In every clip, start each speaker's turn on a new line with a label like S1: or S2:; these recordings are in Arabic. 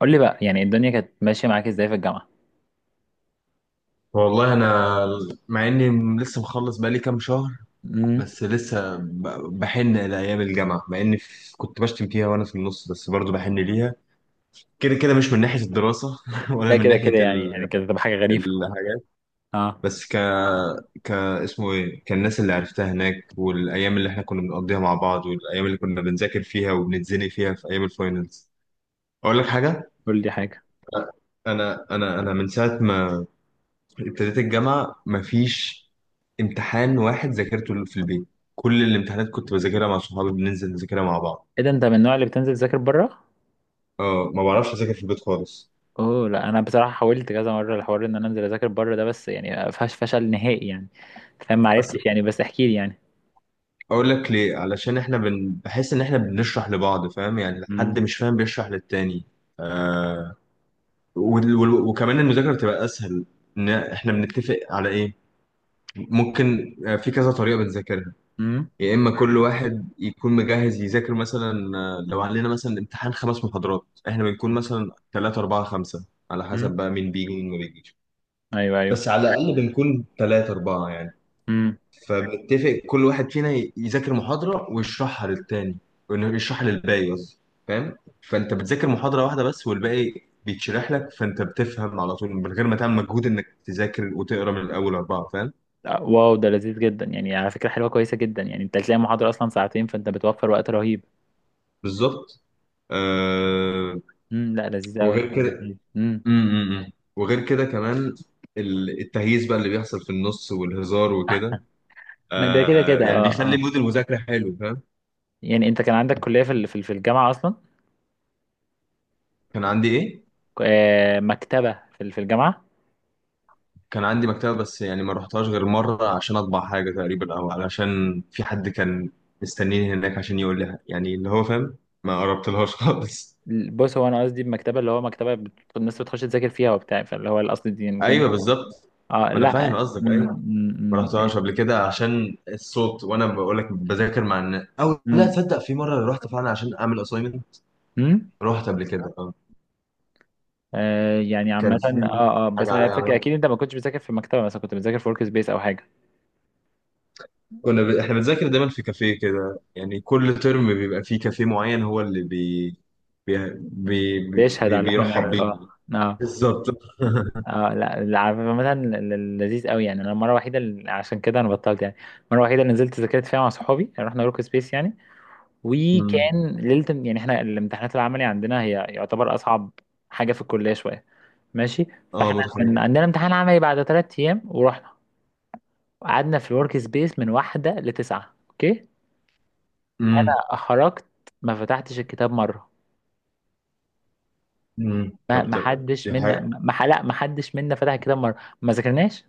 S1: قول لي بقى يعني الدنيا كانت ماشية معاك ازاي في الجامعة؟
S2: والله انا مع اني لسه مخلص بقالي كام شهر،
S1: امم.
S2: بس لسه بحن لايام الجامعه. مع اني كنت بشتم فيها وانا في النص، بس برضو بحن ليها كده كده، مش من ناحيه الدراسه ولا
S1: ده
S2: من
S1: كده
S2: ناحيه
S1: كده يعني كده تبقى حاجة غريبة.
S2: الحاجات،
S1: اه،
S2: بس ك اسمه ايه كالناس اللي عرفتها هناك، والايام اللي احنا كنا بنقضيها مع بعض، والايام اللي كنا بنذاكر فيها وبنتزني فيها في ايام الفاينلز. اقول لك حاجه.
S1: قول لي حاجة.
S2: انا من ساعه ما ابتديت الجامعة مفيش امتحان واحد ذاكرته في البيت. كل الامتحانات كنت بذاكرها مع صحابي، بننزل نذاكرها مع بعض.
S1: ايه ده، انت من النوع اللي بتنزل تذاكر بره؟
S2: اه، ما بعرفش اذاكر في البيت خالص.
S1: اوه لا، انا بصراحة حاولت كذا مرة الحوار ان انا انزل اذاكر بره ده، بس يعني فشل نهائي يعني. فاهم، ما
S2: أصل
S1: عرفتش يعني، بس احكي لي يعني.
S2: اقول لك ليه، علشان احنا بحس ان احنا بنشرح لبعض، فاهم؟ يعني
S1: امم،
S2: حد مش فاهم بيشرح للتاني. آه... وكمان المذاكرة بتبقى اسهل، ان احنا بنتفق على ايه ممكن. في كذا طريقة بنذاكرها،
S1: امم،
S2: يا اما كل واحد يكون مجهز يذاكر، مثلا لو علينا مثلا امتحان خمس محاضرات احنا بنكون مثلا ثلاثة أربعة خمسة، على حسب
S1: امم.
S2: بقى مين بيجي ومين ما بيجيش.
S1: ايوه، ايوه.
S2: بس على الأقل بنكون ثلاثة أربعة يعني.
S1: امم.
S2: فبنتفق كل واحد فينا يذاكر محاضرة ويشرحها للتاني، وإنه يشرحها للباقي قصدي، فاهم؟ فأنت بتذاكر محاضرة واحدة بس، والباقي بيتشرح لك، فأنت بتفهم على طول من غير ما تعمل مجهود إنك تذاكر وتقرا من الأول أربعة، فاهم؟
S1: واو، ده لذيذ جدا يعني، على فكرة حلوة كويسة جدا يعني، انت هتلاقي محاضرة اصلا ساعتين، فانت بتوفر وقت رهيب.
S2: بالظبط. آه
S1: امم، لا لذيذ قوي
S2: وغير
S1: يعني،
S2: كده.
S1: لذيذ. امم.
S2: امم، وغير كده كمان، التهييس بقى اللي بيحصل في النص والهزار وكده،
S1: ما ده كده
S2: آه
S1: كده.
S2: يعني
S1: اه،
S2: بيخلي
S1: اه.
S2: مود المذاكرة حلو، فاهم؟
S1: يعني انت كان عندك كلية في الجامعة اصلا؟
S2: كان عندي ايه؟
S1: مكتبة في الجامعة؟
S2: كان عندي مكتبة بس يعني ما رحتهاش غير مرة عشان اطبع حاجة تقريبا، او علشان في حد كان مستنيني هناك عشان يقول لي يعني اللي هو، فاهم؟ ما قربتلهاش خالص.
S1: بص، هو انا قصدي بمكتبة، اللي هو مكتبة الناس بتخش تذاكر فيها وبتاع، فاللي هو القصد دي يعني
S2: ايوه
S1: فاهم.
S2: بالظبط،
S1: اه
S2: ما انا فاهم
S1: لا،
S2: قصدك. ايوه ما رحتهاش قبل كده عشان الصوت، وانا بقول لك بذاكر مع الناس. او لا
S1: م-
S2: تصدق، في مرة رحت فعلا عشان اعمل اسايمنت.
S1: م- م-
S2: رحت قبل كده،
S1: يعني عامة
S2: كان في
S1: اه. اه بس
S2: حاجة
S1: انا
S2: عليا
S1: فاكر
S2: أعملها.
S1: اكيد انت ما كنتش بتذاكر في مكتبة، مثلا كنت بتذاكر في ورك سبيس او حاجة.
S2: احنا بنذاكر دايما في كافيه كده، يعني كل ترم بيبقى فيه كافيه معين هو اللي بي... بي...
S1: بيشهد على اللي احنا
S2: بيرحب
S1: بنعمله، اه.
S2: بينا.
S1: اه،
S2: بالظبط
S1: اه، لا لا، عامة لذيذ قوي يعني. انا المرة الوحيدة عشان كده انا بطلت يعني، المرة الوحيدة اللي نزلت ذاكرت فيها مع صحابي رحنا ورك سبيس يعني.
S2: أمم.
S1: وكان ليله يعني، احنا الامتحانات العملي عندنا هي يعتبر اصعب حاجه في الكليه شويه. ماشي.
S2: اه
S1: فاحنا
S2: متخيل.
S1: كان عندنا امتحان عملي بعد 3 ايام، ورحنا قعدنا في الورك سبيس من واحده لتسعه، اوكي.
S2: أمم.
S1: انا خرجت ما فتحتش الكتاب مره.
S2: أمم. طب طب، دي حاجة.
S1: ما حدش منا فتح الكتاب مره. ما ذاكرناش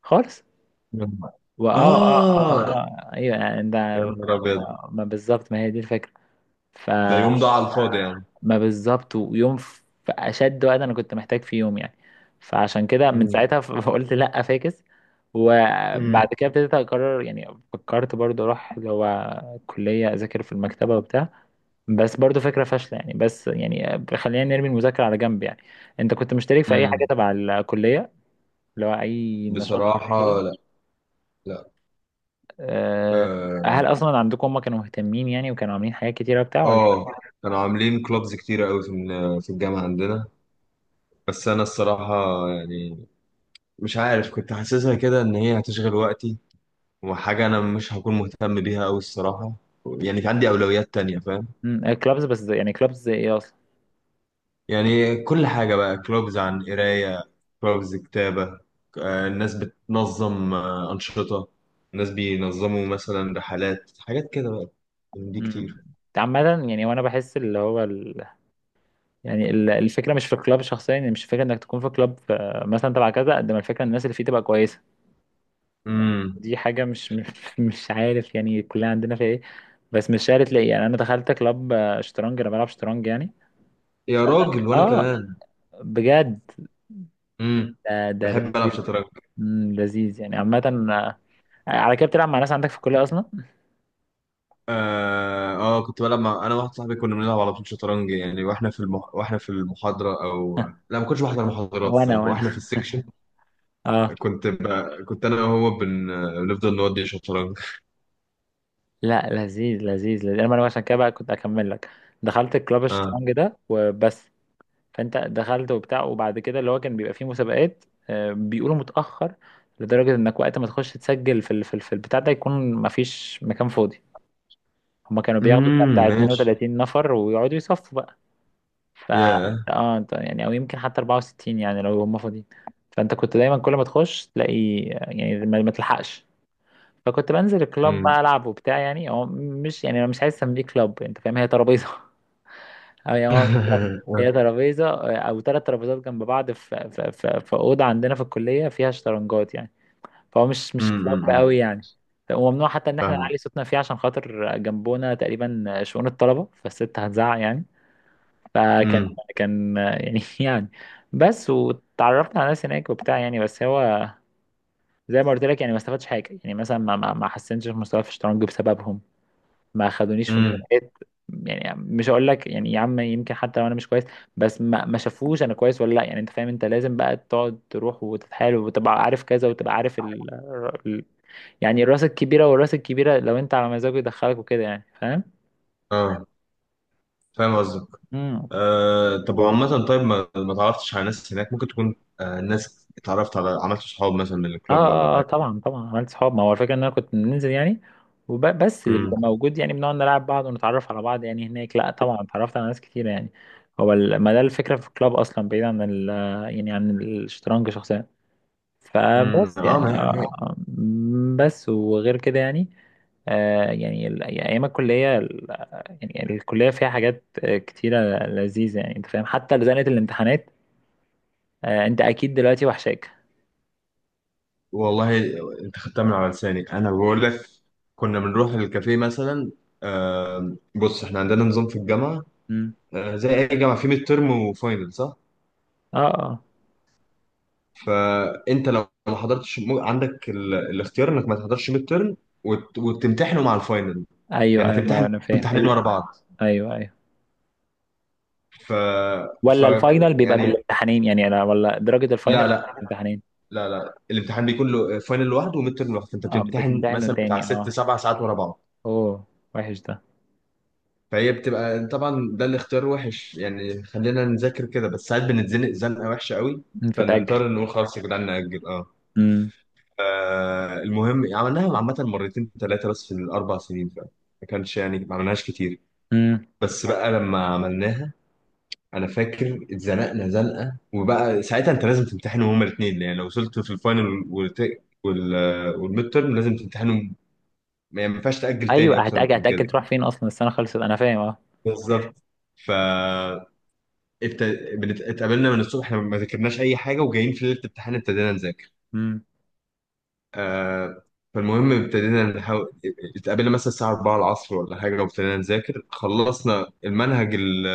S1: خالص. واه، اه، اه، اه،
S2: اه.
S1: آه، آه، ايوه يعني ده.
S2: يا نهار ابيض.
S1: ما بالظبط، ما هي دي الفكره. ف،
S2: ده يوم ده على الفاضي يعني.
S1: ما بالظبط، ويوم في اشد وقت انا كنت محتاج فيه يوم يعني. فعشان كده من
S2: أمم.
S1: ساعتها فقلت لا فاكس. وبعد
S2: أمم.
S1: كده ابتديت اقرر يعني. فكرت برضو اروح اللي هو كلية اذاكر في المكتبة وبتاع، بس برضو فكرة فاشلة يعني. بس يعني خلينا نرمي المذاكرة على جنب يعني. انت كنت مشترك في اي حاجة
S2: أمم.
S1: تبع الكلية؟ اللي هو اي نشاط أو كده؟
S2: بصراحة لا. لا.
S1: أه.
S2: اه.
S1: هل اصلا عندكم هم كانوا مهتمين يعني وكانوا عاملين حاجات كتيرة وبتاع؟
S2: آه. كانوا عاملين كلوبز كتيرة قوي في الجامعة عندنا. بس انا الصراحة يعني مش عارف، كنت حاسسها كده ان هي هتشغل وقتي، وحاجه انا مش هكون مهتم بيها قوي الصراحه. يعني في عندي اولويات تانية، فاهم؟
S1: ولا كلابز بس؟ يعني كلابز ايه؟
S2: يعني كل حاجه بقى، كلوبز عن قرايه، كلوبز كتابه. الناس بتنظم انشطه، الناس بينظموا مثلا رحلات، حاجات كده بقى، من دي
S1: امم.
S2: كتير.
S1: عامة يعني، وانا بحس اللي هو يعني الفكرة مش في الكلاب شخصيا يعني، مش فكرة انك تكون في كلاب، مثلا تبع كذا، قد ما الفكرة ان الناس اللي فيه تبقى كويسة.
S2: امم.
S1: دي حاجة مش مش مش عارف يعني، كلنا عندنا فيها ايه. بس مش شارط ليه يعني، انا دخلت كلاب شطرنج، انا بلعب شطرنج يعني.
S2: يا راجل وانا
S1: اه،
S2: كمان.
S1: بجد،
S2: امم.
S1: ده ده
S2: بحب العب
S1: لذيذ.
S2: شطرنج.
S1: مم، لذيذ يعني عامة. على كده بتلعب مع ناس عندك في الكلية اصلا؟
S2: اه. كنت بلعب مع، انا واحد صاحبي كنا بنلعب على طول شطرنج يعني، واحنا في واحنا في المحاضره. او لا، ما كنتش بحضر محاضرات
S1: وانا،
S2: الصراحه،
S1: وانا.
S2: واحنا في السكشن.
S1: اه
S2: كنت ب... كنت انا وهو بن... بنفضل نودي شطرنج.
S1: لا، لذيذ لذيذ لذيذ. انا عشان كده بقى كنت اكمل لك، دخلت الكلاب
S2: اه.
S1: الشطرنج ده وبس. فانت دخلت وبتاع، وبعد كده اللي هو كان بيبقى فيه مسابقات، بيقولوا متاخر، لدرجه انك وقت ما تخش تسجل في البتاع ده يكون مفيش مكان فاضي. هما كانوا بياخدوا بتاع بتاع
S2: ماشي.
S1: 32 نفر ويقعدوا يصفوا بقى. ف
S2: يا.
S1: اه، أنت يعني او يمكن حتى 64 يعني لو هما فاضيين. فانت كنت دايما كل ما تخش تلاقي يعني ما تلحقش. فكنت بنزل الكلاب
S2: امم
S1: بقى العب وبتاع يعني، هو مش يعني انا مش عايز اسميه كلاب، انت فاهم، هي ترابيزه أو يعني هو، هي ترابيزه. او ثلاث ترابيزات جنب بعض، في اوضه عندنا في الكليه فيها شطرنجات يعني. فهو مش مش كلاب
S2: امم
S1: قوي يعني. وممنوع حتى ان احنا
S2: فاهم.
S1: نعلي صوتنا فيه عشان خاطر جنبونا تقريبا شؤون الطلبه، فالست هتزعق يعني. فكان،
S2: امم.
S1: كان يعني يعني. بس واتعرفت على ناس هناك وبتاع يعني. بس هو زي ما قلت لك يعني، ما استفادش حاجه يعني، مثلا ما حسنتش في مستواي في الشطرنج بسببهم. ما خدونيش في
S2: امم
S1: مسابقات. يعني مش هقول لك يعني يا عم، يمكن حتى لو انا مش كويس، بس ما شافوش انا كويس ولا لا يعني، انت فاهم. انت لازم بقى تقعد تروح وتتحايل وتبقى عارف كذا وتبقى عارف ال... يعني الراس الكبيره، والراس الكبيره لو انت على مزاجه يدخلك وكده يعني فاهم.
S2: اه فاهم قصدك.
S1: امم.
S2: آه طب عامة طيب، ما تعرفتش على ناس هناك ممكن تكون، آه ناس اتعرفت على، عملت صحاب مثلا من
S1: اه،
S2: الكلوب ولا
S1: اه،
S2: حاجة؟
S1: طبعا طبعا عملت صحاب. ما هو الفكره ان انا كنت بننزل يعني بس اللي
S2: امم.
S1: بيبقى موجود يعني بنقعد نلعب بعض ونتعرف على بعض يعني. هناك لا طبعا اتعرفت على ناس كتير يعني. هو ما ده الفكره في الكلاب اصلا، بعيد عن يعني عن الشطرنج شخصيا.
S2: امم.
S1: فبس
S2: اه ما
S1: يعني،
S2: هي.
S1: آه، آه. بس وغير كده يعني. آه يعني يعني ايام الكليه يعني الكليه فيها حاجات كتيره لذيذه يعني انت فاهم، حتى زنقه الامتحانات. آه، انت اكيد دلوقتي وحشاك.
S2: والله انت خدتها من على لساني، انا بقول لك كنا بنروح الكافيه مثلا. بص احنا عندنا نظام في الجامعه،
S1: مم.
S2: زي اي جامعه في ميد ترم وفاينل، صح؟
S1: اه، اه،
S2: فانت لو ما حضرتش عندك الاختيار انك ما تحضرش ميد ترم وتمتحنه مع الفاينل،
S1: ايوه،
S2: يعني
S1: ايوه، ما
S2: تمتحن
S1: انا فاهم
S2: امتحانين ورا بعض.
S1: ايوه، ايوه.
S2: ف... ف
S1: ولا الفاينل بيبقى
S2: يعني
S1: بالامتحانين يعني، انا ولا درجه الفاينل
S2: لا
S1: بتبقى
S2: لا،
S1: بالامتحانين؟
S2: لا لا الامتحان بيكون له فاينل لوحده وميد ترم لوحده، فانت
S1: اه،
S2: بتمتحن
S1: بتمتحنوا
S2: مثلا بتاع
S1: تاني،
S2: ست
S1: اه.
S2: سبع ساعات ورا بعض.
S1: اوه، وحش ده.
S2: فهي بتبقى طبعا، ده الاختيار وحش يعني، خلينا نذاكر كده، بس ساعات بنتزنق زنقه وحشه قوي.
S1: مم، فتأجل.
S2: فنضطر نقول خلاص يا جدعان نأجل، اه.
S1: امم.
S2: المهم عملناها عامة مرتين ثلاثة بس في الأربع سنين فعلا، ما كانش يعني ما عملناش كتير.
S1: امم.
S2: بس بقى لما عملناها أنا فاكر اتزنقنا زنقة، وبقى ساعتها أنت لازم تمتحنهم هما الاتنين، يعني لو وصلت في الفاينل وال والميد تيرم لازم تمتحنهم، يعني ما ينفعش تأجل تاني
S1: ايوه،
S2: أكتر
S1: هتأجل،
S2: من
S1: هتأجل
S2: كده.
S1: تروح فين اصلا، السنه خلصت، انا فاهم، اه.
S2: بالظبط. ف ابت... اتقابلنا من الصبح، احنا ما ذاكرناش اي حاجه، وجايين في ليله الامتحان ابتدينا نذاكر.
S1: مم.
S2: آه... فالمهم ابتدينا نحاول، اتقابلنا مثلا الساعه 4 العصر ولا حاجه، وابتدينا نذاكر خلصنا المنهج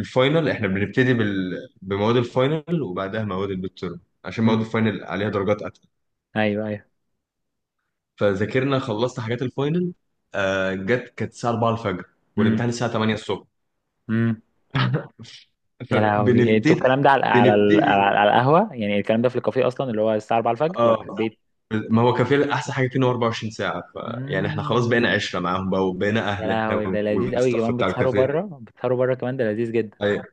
S2: الفاينل، احنا بنبتدي بمواد الفاينل، وبعدها مواد الميد تيرم، عشان مواد
S1: مم.
S2: الفاينل عليها درجات اتقل.
S1: ايوه، ايوه.
S2: فذاكرنا خلصنا حاجات الفاينل. جت كانت الساعه 4 الفجر،
S1: مم.
S2: والامتحان الساعه 8 الصبح.
S1: مم. يا لهوي إيه، انتوا
S2: فبنبتدي
S1: الكلام ده على على ال- على
S2: بنبتدي
S1: على القهوه يعني، الكلام ده في الكافيه اصلا اللي هو الساعه 4 الفجر ولا
S2: اه،
S1: في البيت؟
S2: ما هو كافيه احسن حاجه فيه ان هو 24 ساعه. ف يعني احنا خلاص
S1: مم.
S2: بقينا عشره معاهم بقى، وبقينا
S1: يا
S2: اهل
S1: لهوي،
S2: احنا
S1: ده لذيذ قوي
S2: والستاف
S1: كمان،
S2: بتاع
S1: بتسهروا
S2: الكافيه.
S1: بره، بتسهروا بره كمان، ده لذيذ جدا.
S2: ايوه.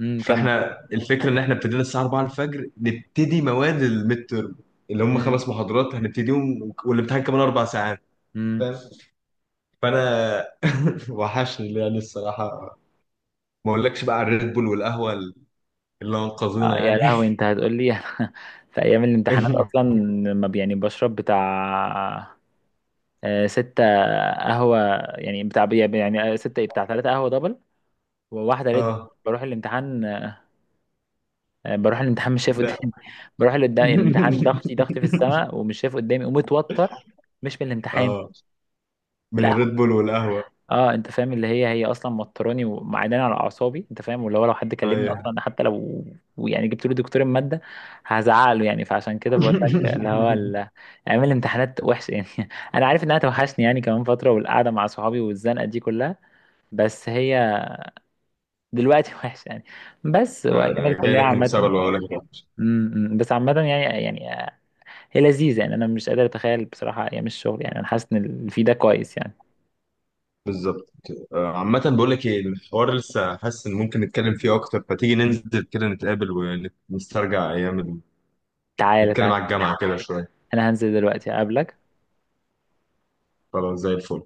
S1: امم، كم.
S2: فاحنا الفكره ان احنا ابتدينا الساعه 4 الفجر نبتدي مواد الميد تيرم، اللي هم خمس
S1: امم.
S2: محاضرات هنبتديهم، والامتحان كمان اربع ساعات،
S1: امم.
S2: فاهم؟ فانا وحشني يعني الصراحه، ما اقولكش بقى على الريد بول والقهوه اللي
S1: آه
S2: انقذونا
S1: يا
S2: يعني.
S1: لهوي انت هتقول لي في ايام الامتحانات اصلا لما يعني بشرب بتاع 6 قهوة يعني، بتاع يعني ستة إيه، بتاع 3 قهوة دبل وواحدة ريد.
S2: اه.
S1: بروح الامتحان بروح الامتحان مش شايف
S2: لا.
S1: قدامي بروح لقدام الامتحان ضغطي ضغطي في السماء ومش شايف قدامي ومتوتر، مش من الامتحان،
S2: اه،
S1: من
S2: من الريد
S1: القهوة.
S2: بول والقهوه.
S1: اه، انت فاهم، اللي هي هي اصلا موتراني ومعداني على اعصابي انت فاهم، واللي هو لو حد كلمني
S2: ايوه.
S1: اصلا حتى لو يعني جبت له دكتور المادة هزعله يعني. فعشان كده بقول لك اللي هو ايام الامتحانات وحشة يعني. انا عارف انها توحشني يعني كمان فترة، والقعدة مع صحابي والزنقة دي كلها، بس هي دلوقتي وحشة يعني، بس
S2: لا
S1: وايام
S2: انا جاي
S1: الكلية
S2: لك من
S1: عامة.
S2: سبب وهقول لك الوحش.
S1: م- م. بس عامة يعني يعني هي لذيذة يعني، أنا مش قادر أتخيل بصراحة أيام الشغل يعني، أنا حاسس إن اللي فيه ده كويس يعني.
S2: بالظبط كده. عامة بقول لك ايه الحوار، لسه حاسس ان ممكن نتكلم فيه اكتر، فتيجي ننزل كده نتقابل ونسترجع ايام
S1: تعالى،
S2: نتكلم
S1: تعالى.
S2: على الجامعة كده شوية.
S1: أنا هنزل دلوقتي أقابلك.
S2: خلاص، زي الفل.